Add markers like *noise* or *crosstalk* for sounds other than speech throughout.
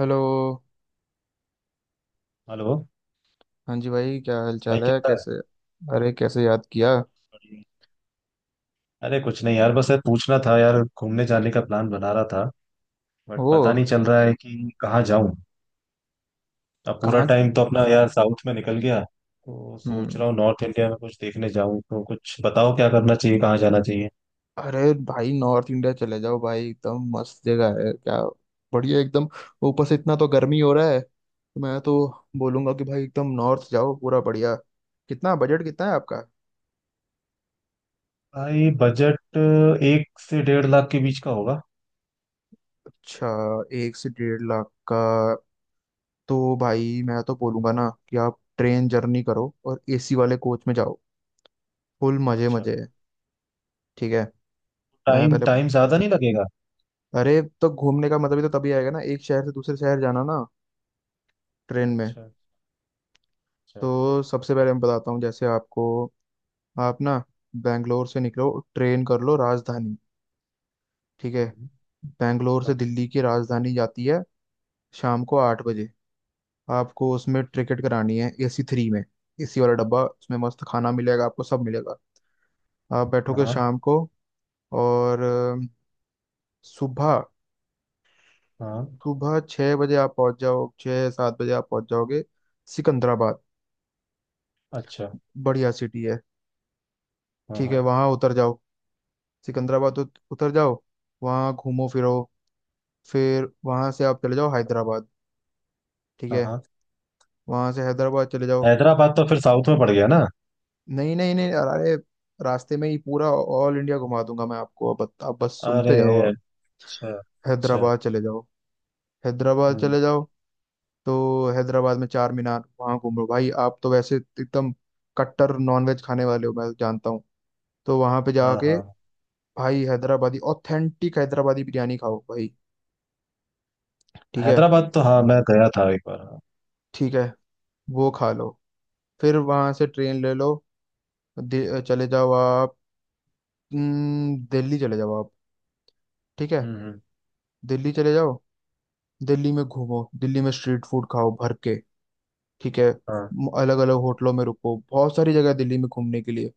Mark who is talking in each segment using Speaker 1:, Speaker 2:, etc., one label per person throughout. Speaker 1: Hello.
Speaker 2: Hello.
Speaker 1: हाँ जी भाई, क्या हाल
Speaker 2: भाई
Speaker 1: चाल है
Speaker 2: कैसा है?
Speaker 1: कैसे? अरे, कैसे याद किया?
Speaker 2: बढ़िया। अरे कुछ नहीं यार, बस यार पूछना था यार, घूमने जाने का प्लान बना रहा था, बट
Speaker 1: वो
Speaker 2: पता नहीं चल रहा है कि कहाँ जाऊं। अब पूरा
Speaker 1: कहाँ?
Speaker 2: टाइम तो अपना यार साउथ में निकल गया, तो सोच
Speaker 1: हम्म।
Speaker 2: रहा हूँ नॉर्थ इंडिया में कुछ देखने जाऊं, तो कुछ बताओ क्या करना चाहिए, कहाँ जाना चाहिए?
Speaker 1: अरे भाई, नॉर्थ इंडिया चले जाओ भाई, एकदम मस्त जगह है क्या, बढ़िया एकदम। ऊपर से इतना तो गर्मी हो रहा है तो मैं तो बोलूंगा कि भाई एकदम नॉर्थ जाओ, पूरा बढ़िया। कितना बजट कितना है आपका?
Speaker 2: भाई बजट 1 से 1.5 लाख के बीच का होगा।
Speaker 1: अच्छा। 1 से 1.5 लाख का? तो भाई मैं तो बोलूंगा ना कि आप ट्रेन जर्नी करो और एसी वाले कोच में जाओ। फुल मजे
Speaker 2: अच्छा।
Speaker 1: मजे है। ठीक है। मैं
Speaker 2: टाइम
Speaker 1: पहले...
Speaker 2: टाइम ज्यादा नहीं लगेगा?
Speaker 1: अरे तो घूमने का मतलब ही तो तभी आएगा ना, एक शहर से दूसरे शहर जाना ना, ट्रेन में।
Speaker 2: अच्छा। अच्छा।
Speaker 1: तो सबसे पहले मैं बताता हूँ, जैसे आपको, आप ना बैंगलोर से निकलो। ट्रेन कर लो राजधानी। ठीक है।
Speaker 2: हम्म।
Speaker 1: बैंगलोर से
Speaker 2: ओके।
Speaker 1: दिल्ली की राजधानी जाती है शाम को 8 बजे। आपको उसमें टिकट करानी है एसी 3 में। एसी वाला डब्बा, उसमें मस्त खाना मिलेगा, आपको सब मिलेगा। आप बैठोगे
Speaker 2: हाँ
Speaker 1: शाम को और सुबह,
Speaker 2: हाँ।
Speaker 1: सुबह 6 बजे आप पहुंच जाओ, 6-7 बजे आप पहुंच जाओगे सिकंदराबाद।
Speaker 2: अच्छा।
Speaker 1: बढ़िया सिटी है।
Speaker 2: हाँ
Speaker 1: ठीक है,
Speaker 2: हाँ
Speaker 1: वहाँ उतर जाओ। सिकंदराबाद उतर जाओ। वहाँ घूमो फिरो। फिर वहाँ से आप चले जाओ हैदराबाद। ठीक
Speaker 2: हाँ
Speaker 1: है।
Speaker 2: हाँ।
Speaker 1: वहाँ से हैदराबाद चले जाओ।
Speaker 2: हैदराबाद तो फिर साउथ में पड़ गया ना।
Speaker 1: नहीं नहीं नहीं, अरे रास्ते में ही पूरा ऑल इंडिया घुमा दूंगा मैं आपको। अब आप बस
Speaker 2: अरे।
Speaker 1: सुनते जाओ आप।
Speaker 2: अच्छा। अच्छा।
Speaker 1: हैदराबाद चले जाओ। हैदराबाद
Speaker 2: हम्म।
Speaker 1: चले जाओ। तो हैदराबाद में चार मीनार, वहाँ घूम लो भाई। आप तो वैसे एकदम कट्टर नॉनवेज खाने वाले हो, मैं जानता हूँ। तो वहाँ पे
Speaker 2: हाँ
Speaker 1: जाके
Speaker 2: हाँ।
Speaker 1: भाई हैदराबादी, ऑथेंटिक हैदराबादी बिरयानी खाओ भाई। ठीक है।
Speaker 2: हैदराबाद तो हाँ, मैं गया था एक बार, हाँ।
Speaker 1: ठीक है, वो खा लो। फिर वहां से ट्रेन ले लो, चले जाओ आप। दिल्ली चले जाओ आप। ठीक है।
Speaker 2: हम्म।
Speaker 1: दिल्ली चले जाओ। दिल्ली में घूमो, दिल्ली में स्ट्रीट फूड खाओ भर के। ठीक है।
Speaker 2: हाँ।
Speaker 1: अलग अलग होटलों में रुको, बहुत सारी जगह है दिल्ली में घूमने के लिए।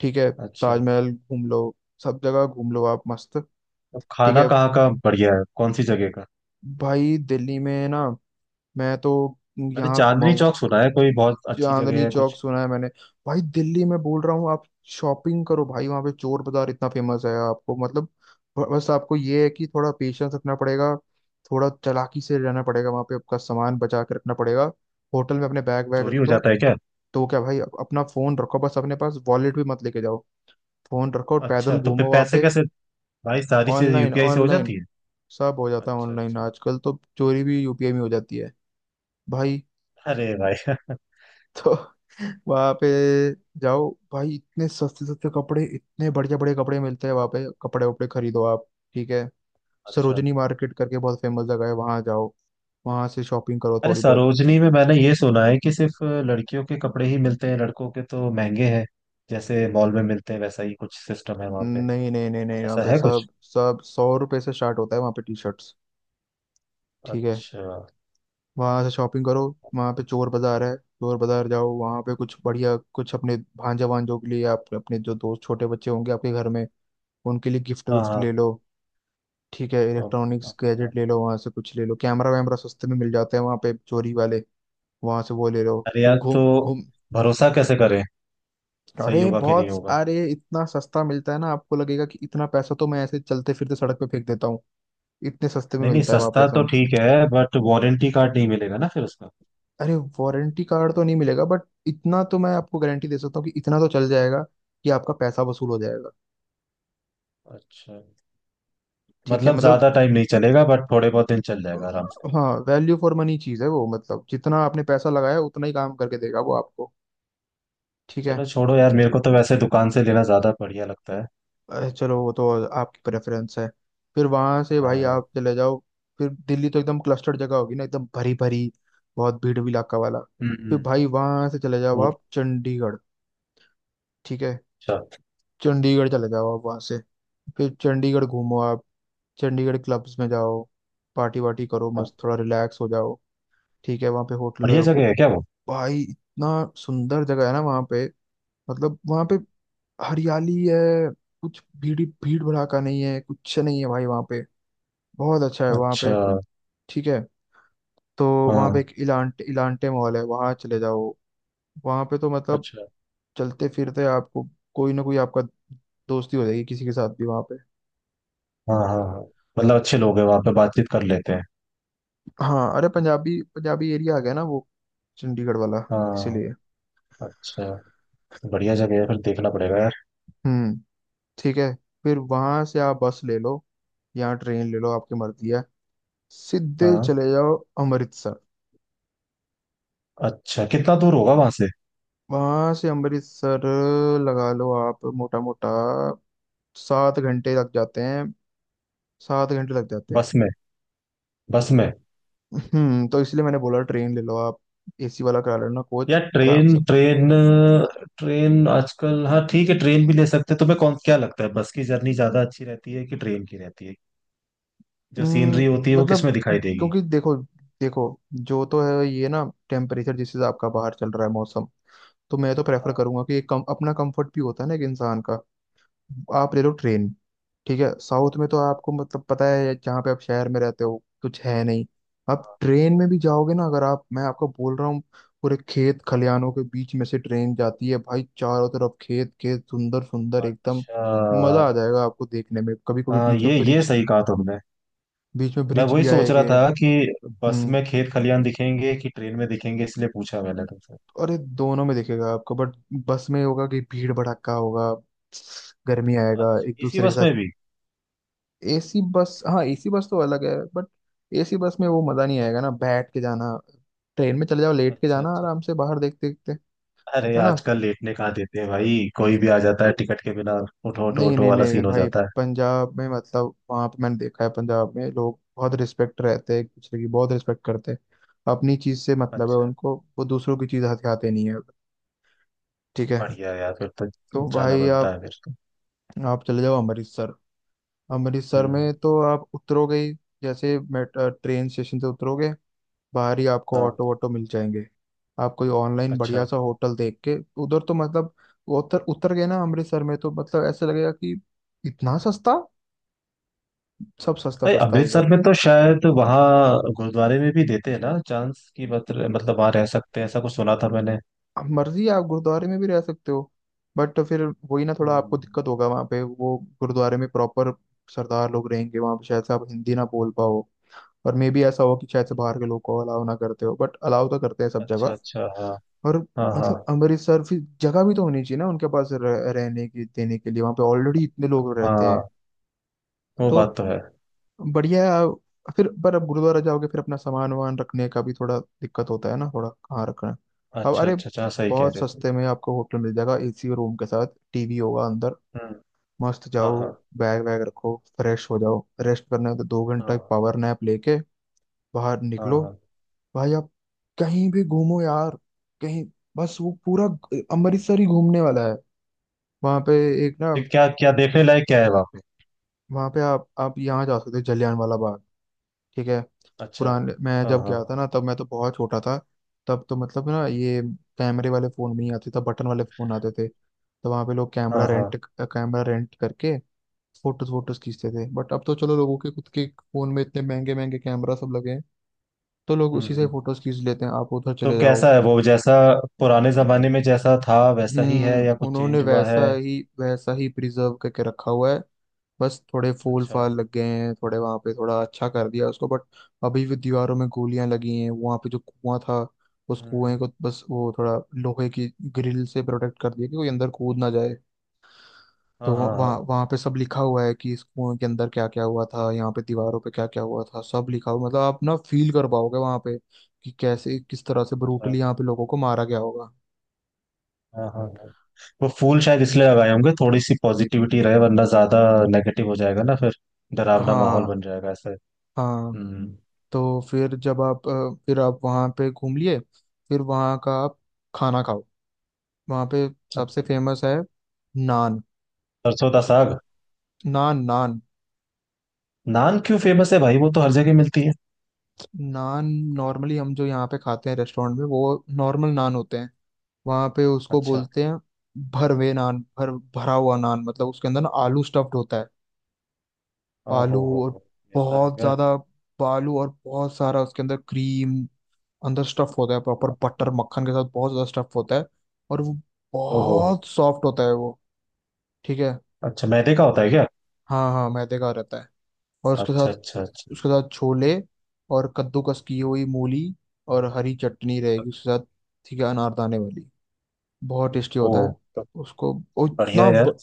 Speaker 1: ठीक है।
Speaker 2: अच्छा।
Speaker 1: ताजमहल घूम लो, सब जगह घूम लो आप मस्त।
Speaker 2: तो
Speaker 1: ठीक
Speaker 2: खाना
Speaker 1: है।
Speaker 2: कहाँ का बढ़िया है, कौन सी जगह का?
Speaker 1: भाई दिल्ली में ना, मैं तो
Speaker 2: मैंने
Speaker 1: यहाँ
Speaker 2: चांदनी
Speaker 1: घुमाऊँ...
Speaker 2: चौक सुना है, कोई बहुत अच्छी जगह
Speaker 1: चांदनी
Speaker 2: है
Speaker 1: चौक
Speaker 2: कुछ?
Speaker 1: सुना है मैंने। भाई दिल्ली में बोल रहा हूँ आप, शॉपिंग करो भाई। वहां पे चोर बाजार इतना फेमस है, आपको मतलब बस आपको ये है कि थोड़ा पेशेंस रखना पड़ेगा। थोड़ा चालाकी से रहना पड़ेगा वहां पे, आपका सामान बचा के रखना पड़ेगा। होटल में अपने बैग वैग रख
Speaker 2: चोरी हो
Speaker 1: दो।
Speaker 2: जाता है क्या?
Speaker 1: तो क्या भाई, अपना फोन रखो बस, अपने पास वॉलेट भी मत लेके जाओ। फोन रखो और
Speaker 2: अच्छा
Speaker 1: पैदल
Speaker 2: तो फिर
Speaker 1: घूमो वहां
Speaker 2: पैसे
Speaker 1: पे।
Speaker 2: कैसे? भाई सारी चीजें
Speaker 1: ऑनलाइन,
Speaker 2: यूपीआई से हो
Speaker 1: ऑनलाइन
Speaker 2: जाती है।
Speaker 1: सब हो जाता है
Speaker 2: अच्छा
Speaker 1: ऑनलाइन
Speaker 2: अच्छा।
Speaker 1: आजकल, तो चोरी भी यूपीआई में हो जाती है भाई।
Speaker 2: अरे भाई *laughs*
Speaker 1: *laughs* तो वहां पे जाओ भाई, इतने सस्ते सस्ते कपड़े, इतने बढ़िया बढ़िया कपड़े मिलते हैं वहां पे। कपड़े वपड़े खरीदो आप। ठीक है।
Speaker 2: अच्छा।
Speaker 1: सरोजनी मार्केट करके बहुत फेमस जगह है, वहां जाओ, वहां से शॉपिंग करो
Speaker 2: अरे
Speaker 1: थोड़ी बहुत।
Speaker 2: सरोजनी में मैंने ये सुना है कि सिर्फ लड़कियों के कपड़े ही मिलते हैं, लड़कों के तो महंगे हैं। जैसे मॉल में मिलते हैं वैसा ही कुछ सिस्टम है वहां पे।
Speaker 1: नहीं नहीं नहीं नहीं, वहाँ
Speaker 2: ऐसा
Speaker 1: पे
Speaker 2: है कुछ?
Speaker 1: सब सब 100 रुपए से स्टार्ट होता है वहाँ पे टी शर्ट्स। ठीक है।
Speaker 2: अच्छा।
Speaker 1: वहां से शॉपिंग करो। वहां पे चोर बाजार है, चोर बाजार जाओ वहां पे। कुछ बढ़िया कुछ अपने भांजा भांजों के लिए, आप अपने जो दोस्त, छोटे बच्चे होंगे आपके घर में, उनके लिए गिफ्ट
Speaker 2: हाँ
Speaker 1: विफ्ट ले
Speaker 2: हाँ।
Speaker 1: लो। ठीक है।
Speaker 2: तो।
Speaker 1: इलेक्ट्रॉनिक्स
Speaker 2: अच्छा।
Speaker 1: गैजेट ले लो वहां से। कुछ ले लो, कैमरा वैमरा सस्ते में मिल जाते हैं वहां पे चोरी वाले। वहां से वो ले लो।
Speaker 2: अरे
Speaker 1: तो
Speaker 2: यार तो
Speaker 1: घूम घूम...
Speaker 2: भरोसा कैसे करें? सही
Speaker 1: अरे
Speaker 2: होगा कि नहीं
Speaker 1: बहुत,
Speaker 2: होगा?
Speaker 1: अरे इतना सस्ता मिलता है ना, आपको लगेगा कि इतना पैसा तो मैं ऐसे चलते फिरते सड़क पे फेंक देता हूँ। इतने सस्ते में
Speaker 2: नहीं नहीं,
Speaker 1: मिलता है वहां पे
Speaker 2: सस्ता तो
Speaker 1: सब।
Speaker 2: ठीक है बट वारंटी कार्ड नहीं मिलेगा ना फिर उसका।
Speaker 1: अरे वारंटी कार्ड तो नहीं मिलेगा बट इतना तो मैं आपको गारंटी दे सकता हूँ कि इतना तो चल जाएगा, कि आपका पैसा वसूल हो जाएगा।
Speaker 2: अच्छा।
Speaker 1: ठीक है,
Speaker 2: मतलब
Speaker 1: मतलब...
Speaker 2: ज्यादा टाइम नहीं चलेगा बट थोड़े बहुत दिन चल जाएगा आराम से।
Speaker 1: हाँ, वैल्यू फॉर मनी चीज है वो, मतलब जितना आपने पैसा लगाया उतना ही काम करके देगा वो आपको। ठीक
Speaker 2: चलो
Speaker 1: है।
Speaker 2: छोड़ो यार, मेरे को तो वैसे दुकान से लेना ज्यादा बढ़िया लगता है।
Speaker 1: अरे चलो, वो तो आपकी प्रेफरेंस है। फिर वहां से भाई
Speaker 2: हाँ।
Speaker 1: आप चले जाओ। फिर दिल्ली तो एकदम क्लस्टर्ड जगह होगी ना, एकदम भरी भरी, बहुत भीड़ भी इलाका वाला। फिर
Speaker 2: हम्म।
Speaker 1: भाई वहां से चले जाओ
Speaker 2: वो।
Speaker 1: आप चंडीगढ़। ठीक है।
Speaker 2: अच्छा।
Speaker 1: चंडीगढ़ चले जाओ आप वहां से, फिर चंडीगढ़ घूमो आप। चंडीगढ़ क्लब्स में जाओ, पार्टी वार्टी करो
Speaker 2: हाँ।
Speaker 1: मस्त, थोड़ा रिलैक्स हो जाओ। ठीक है, वहाँ पे होटल में
Speaker 2: बढ़िया
Speaker 1: रुको।
Speaker 2: जगह है क्या वो?
Speaker 1: भाई इतना सुंदर जगह है ना वहाँ पे। मतलब वहाँ पे हरियाली है, कुछ भीड़ भीड़ भड़ाका नहीं है, कुछ नहीं है भाई वहाँ पे। बहुत अच्छा है वहाँ
Speaker 2: अच्छा।
Speaker 1: पे। ठीक है। तो वहाँ पे
Speaker 2: हाँ।
Speaker 1: एक इलांटे इलांटे मॉल है, वहाँ चले जाओ। वहाँ पे तो मतलब
Speaker 2: अच्छा।
Speaker 1: चलते फिरते आपको कोई ना कोई, आपका दोस्ती हो जाएगी किसी के साथ भी वहाँ पे।
Speaker 2: हाँ हाँ हाँ। मतलब अच्छे लोग हैं वहाँ पे, बातचीत कर लेते हैं।
Speaker 1: हाँ, अरे पंजाबी पंजाबी एरिया आ गया ना वो चंडीगढ़ वाला,
Speaker 2: हाँ।
Speaker 1: इसीलिए।
Speaker 2: अच्छा। बढ़िया जगह है, फिर देखना पड़ेगा यार।
Speaker 1: हम्म। ठीक है। फिर वहाँ से आप बस ले लो या ट्रेन ले लो, आपकी मर्जी है। सीधे
Speaker 2: हाँ।
Speaker 1: चले जाओ अमृतसर।
Speaker 2: अच्छा कितना दूर होगा वहां से?
Speaker 1: वहाँ से अमृतसर लगा लो आप मोटा मोटा 7 घंटे लग जाते हैं। 7 घंटे लग जाते हैं।
Speaker 2: बस में? बस में?
Speaker 1: हम्म। तो इसलिए मैंने बोला ट्रेन ले लो आप, एसी वाला करा लेना
Speaker 2: या
Speaker 1: कोच आराम
Speaker 2: ट्रेन
Speaker 1: से।
Speaker 2: ट्रेन ट्रेन आजकल, हाँ ठीक है, ट्रेन भी ले सकते हैं। तुम्हें कौन क्या लगता है, बस की जर्नी ज्यादा अच्छी रहती है कि ट्रेन की रहती है? जो
Speaker 1: हम्म,
Speaker 2: सीनरी होती है वो
Speaker 1: मतलब
Speaker 2: किसमें दिखाई देगी?
Speaker 1: क्योंकि देखो, देखो जो तो है ये ना, टेम्परेचर जिस हिसाब का बाहर चल रहा है मौसम, तो मैं तो प्रेफर
Speaker 2: हाँ
Speaker 1: करूंगा कि अपना कंफर्ट भी होता है ना एक इंसान का। आप ले लो ट्रेन। ठीक है। साउथ में तो
Speaker 2: हाँ
Speaker 1: आपको मतलब पता है, जहाँ पे आप शहर में रहते हो कुछ है नहीं। आप
Speaker 2: हाँ।
Speaker 1: ट्रेन में
Speaker 2: वो
Speaker 1: भी
Speaker 2: तो
Speaker 1: जाओगे ना, अगर आप, मैं आपको बोल रहा हूँ, पूरे खेत खलियानों के बीच में से ट्रेन जाती है भाई। चारों तरफ खेत खेत, सुंदर सुंदर
Speaker 2: है।
Speaker 1: एकदम।
Speaker 2: अच्छा।
Speaker 1: मजा आ जाएगा आपको देखने में। कभी कभी
Speaker 2: हाँ,
Speaker 1: बीच में
Speaker 2: ये
Speaker 1: ब्रिज,
Speaker 2: सही कहा तुमने।
Speaker 1: बीच में
Speaker 2: मैं
Speaker 1: ब्रिज
Speaker 2: वही
Speaker 1: भी
Speaker 2: सोच रहा
Speaker 1: आएंगे।
Speaker 2: था कि बस
Speaker 1: हम्म।
Speaker 2: में खेत खलियान दिखेंगे कि ट्रेन में दिखेंगे, इसलिए पूछा मैंने तुमसे।
Speaker 1: और ये दोनों में दिखेगा आपको बट बस में होगा कि भीड़ भड़क्का होगा, गर्मी आएगा
Speaker 2: अच्छा
Speaker 1: एक
Speaker 2: इसी
Speaker 1: दूसरे के
Speaker 2: बस
Speaker 1: साथ।
Speaker 2: में भी?
Speaker 1: एसी बस, हाँ एसी बस तो अलग है बट एसी बस में वो मजा नहीं आएगा ना बैठ के जाना। ट्रेन में चले जाओ, लेट के
Speaker 2: अच्छा
Speaker 1: जाना
Speaker 2: अच्छा।
Speaker 1: आराम से बाहर देखते देखते। है
Speaker 2: अरे
Speaker 1: ना।
Speaker 2: आजकल लेटने कहाँ देते हैं भाई, कोई भी आ जाता है टिकट के बिना। उठो उठो
Speaker 1: नहीं
Speaker 2: उठो
Speaker 1: नहीं
Speaker 2: वाला
Speaker 1: नहीं
Speaker 2: सीन हो
Speaker 1: भाई,
Speaker 2: जाता है।
Speaker 1: पंजाब में मतलब वहां पे मैंने देखा है, पंजाब में लोग बहुत रिस्पेक्ट रहते हैं, एक दूसरे की बहुत रिस्पेक्ट करते हैं। अपनी चीज से मतलब है
Speaker 2: अच्छा।
Speaker 1: उनको, वो दूसरों की चीज हथियाते नहीं है। ठीक है।
Speaker 2: बढ़िया यार फिर तो।
Speaker 1: तो
Speaker 2: जाना
Speaker 1: भाई
Speaker 2: बनता है फिर तो।
Speaker 1: आप- चले जाओ अमृतसर। अमृतसर
Speaker 2: हम्म।
Speaker 1: में तो आप उतरोगे ही। जैसे ट्रेन स्टेशन से उतरोगे, बाहर ही आपको
Speaker 2: हाँ।
Speaker 1: ऑटो वोटो मिल जाएंगे। आप कोई ऑनलाइन
Speaker 2: अच्छा।
Speaker 1: बढ़िया सा होटल देख के... उधर तो मतलब उतर उतर गए ना अमृतसर में तो, मतलब ऐसे लगेगा कि इतना सस्ता, सब सस्ता
Speaker 2: भाई
Speaker 1: सस्ता है उधर।
Speaker 2: अमृतसर में तो शायद वहाँ गुरुद्वारे में भी देते हैं ना चांस की, मतलब वहाँ रह सकते हैं, ऐसा कुछ सुना था मैंने।
Speaker 1: अब मर्जी है आप गुरुद्वारे में भी रह सकते हो बट फिर वही ना, थोड़ा आपको
Speaker 2: हम्म।
Speaker 1: दिक्कत होगा वहाँ पे। वो गुरुद्वारे में प्रॉपर सरदार लोग रहेंगे वहाँ पे, शायद से आप हिंदी ना बोल पाओ। और मे बी ऐसा हो कि शायद से बाहर के लोग को अलाउ ना करते हो, बट अलाउ तो करते हैं सब
Speaker 2: अच्छा
Speaker 1: जगह।
Speaker 2: अच्छा। हाँ
Speaker 1: और
Speaker 2: हाँ हाँ
Speaker 1: मतलब अमृतसर फिर जगह भी तो होनी चाहिए ना उनके पास रहने की, देने के लिए, वहां पे ऑलरेडी इतने लोग रहते हैं।
Speaker 2: हाँ। वो
Speaker 1: तो
Speaker 2: बात तो है।
Speaker 1: बढ़िया है फिर पर अब गुरुद्वारा जाओगे, फिर अपना सामान वामान रखने का भी थोड़ा दिक्कत होता है ना, थोड़ा कहाँ रखना है। अब
Speaker 2: अच्छा
Speaker 1: अरे,
Speaker 2: अच्छा अच्छा, हाँ, सही कह
Speaker 1: बहुत
Speaker 2: रहे हो।
Speaker 1: सस्ते में आपको होटल मिल जाएगा एसी रूम के साथ, टीवी होगा अंदर।
Speaker 2: हम्म।
Speaker 1: मस्त
Speaker 2: हाँ
Speaker 1: जाओ,
Speaker 2: हाँ
Speaker 1: बैग वैग रखो, फ्रेश हो जाओ, रेस्ट करना है तो 2 घंटा
Speaker 2: हाँ
Speaker 1: पावर नैप लेके बाहर
Speaker 2: हाँ
Speaker 1: निकलो।
Speaker 2: हाँ।
Speaker 1: भाई आप कहीं भी घूमो यार, कहीं। बस वो पूरा अमृतसर ही घूमने वाला है। वहां पे एक ना,
Speaker 2: तो क्या क्या देखने लायक क्या है वहाँ पे?
Speaker 1: वहां पे आप यहाँ जा सकते हो जलियांवाला बाग। ठीक है।
Speaker 2: अच्छा।
Speaker 1: पुराने... मैं
Speaker 2: हाँ
Speaker 1: जब
Speaker 2: हाँ
Speaker 1: गया था ना तब मैं तो बहुत छोटा था। तब तो मतलब ना ये कैमरे वाले फोन भी नहीं आते तब, बटन वाले फोन आते थे। तो वहां पे लोग कैमरा
Speaker 2: हाँ हाँ।
Speaker 1: रेंट, कैमरा रेंट करके फोटोज फोटोज खींचते थे, बट अब तो चलो लोगों के खुद के फोन में इतने महंगे महंगे कैमरा सब लगे हैं, तो लोग उसी से
Speaker 2: हम्म।
Speaker 1: फोटोज खींच लेते हैं। आप उधर
Speaker 2: तो
Speaker 1: चले जाओ।
Speaker 2: कैसा है वो, जैसा पुराने जमाने में जैसा था वैसा ही है
Speaker 1: हम्म।
Speaker 2: या कुछ
Speaker 1: उन्होंने
Speaker 2: चेंज हुआ है?
Speaker 1: वैसा ही प्रिजर्व करके रखा हुआ है। बस थोड़े फूल
Speaker 2: अच्छा।
Speaker 1: फाल लग गए हैं थोड़े वहां पे, थोड़ा अच्छा कर दिया उसको बट अभी भी दीवारों में गोलियां लगी हैं वहां पे। जो कुआं था, उस कुएं
Speaker 2: हम्म।
Speaker 1: को बस वो थोड़ा लोहे की ग्रिल से प्रोटेक्ट कर दिया कि कोई अंदर कूद ना जाए। तो
Speaker 2: हाँ हाँ हाँ।
Speaker 1: वहाँ वहाँ पे सब लिखा हुआ है कि इस कुएं के अंदर क्या क्या हुआ था, यहाँ पे दीवारों पे क्या क्या हुआ था, सब लिखा हुआ। मतलब आप ना फील कर पाओगे वहाँ पे कि कैसे, किस तरह से
Speaker 2: अच्छा,
Speaker 1: ब्रूटली यहाँ पे लोगों को मारा गया होगा।
Speaker 2: हाँ हाँ हाँ। वो फूल शायद इसलिए लगाए होंगे थोड़ी सी पॉजिटिविटी रहे, वरना ज्यादा नेगेटिव हो जाएगा ना फिर। डरावना माहौल
Speaker 1: हाँ
Speaker 2: बन जाएगा ऐसे।
Speaker 1: हाँ।
Speaker 2: हम्म।
Speaker 1: तो फिर जब आप फिर आप वहाँ पे घूम लिए, फिर वहाँ का आप खाना खाओ। वहाँ पे सबसे
Speaker 2: अच्छा।
Speaker 1: फेमस है नान।
Speaker 2: सरसों का साग।
Speaker 1: नान नान
Speaker 2: नान क्यों फेमस है भाई, वो तो हर जगह मिलती है?
Speaker 1: नान। नॉर्मली हम जो यहाँ पे खाते हैं रेस्टोरेंट में, वो नॉर्मल नान होते हैं। वहाँ पे उसको
Speaker 2: अच्छा।
Speaker 1: बोलते हैं भरवे नान, भर भरा हुआ नान, मतलब उसके अंदर ना आलू स्टफ्ड होता है।
Speaker 2: ओहो
Speaker 1: आलू
Speaker 2: हो
Speaker 1: और
Speaker 2: हो। ऐसा है
Speaker 1: बहुत
Speaker 2: क्या?
Speaker 1: ज्यादा, आलू और बहुत सारा, उसके अंदर क्रीम, अंदर स्टफ होता है प्रॉपर बटर मक्खन के साथ, बहुत ज्यादा स्टफ होता है। और वो
Speaker 2: ओहो हो।
Speaker 1: बहुत सॉफ्ट होता है वो। ठीक है।
Speaker 2: अच्छा मैदे का होता है क्या?
Speaker 1: हाँ हाँ, मैदे का रहता है। और उसके
Speaker 2: अच्छा
Speaker 1: साथ,
Speaker 2: अच्छा अच्छा।
Speaker 1: उसके साथ छोले और कद्दूकस की हुई मूली, और हरी चटनी रहेगी उसके साथ। ठीक है, अनारदाने वाली, बहुत टेस्टी होता है
Speaker 2: ओह तो।
Speaker 1: उसको। और
Speaker 2: बढ़िया है यार।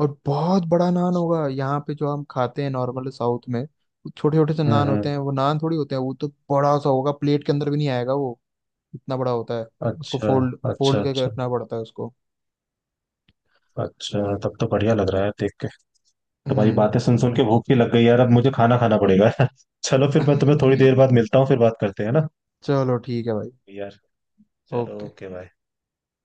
Speaker 1: और बहुत बड़ा नान होगा। यहाँ पे जो हम खाते हैं नॉर्मल साउथ में छोटे छोटे से नान होते
Speaker 2: हम्म।
Speaker 1: हैं, वो नान थोड़ी होते हैं, वो तो बड़ा सा होगा, प्लेट के अंदर भी नहीं आएगा वो, इतना बड़ा होता है। उसको
Speaker 2: अच्छा
Speaker 1: फोल्ड
Speaker 2: अच्छा
Speaker 1: फोल्ड करके
Speaker 2: अच्छा।
Speaker 1: रखना पड़ता है उसको।
Speaker 2: अच्छा तब तो बढ़िया लग रहा है देख के। तुम्हारी
Speaker 1: हम्म।
Speaker 2: बातें सुन सुन के भूख भी लग गई यार, अब मुझे खाना खाना पड़ेगा *laughs* चलो फिर मैं तुम्हें थोड़ी देर
Speaker 1: *laughs*
Speaker 2: बाद मिलता हूँ, फिर बात करते हैं ना।
Speaker 1: चलो ठीक है भाई।
Speaker 2: यार। चलो
Speaker 1: ओके।
Speaker 2: Okay bye.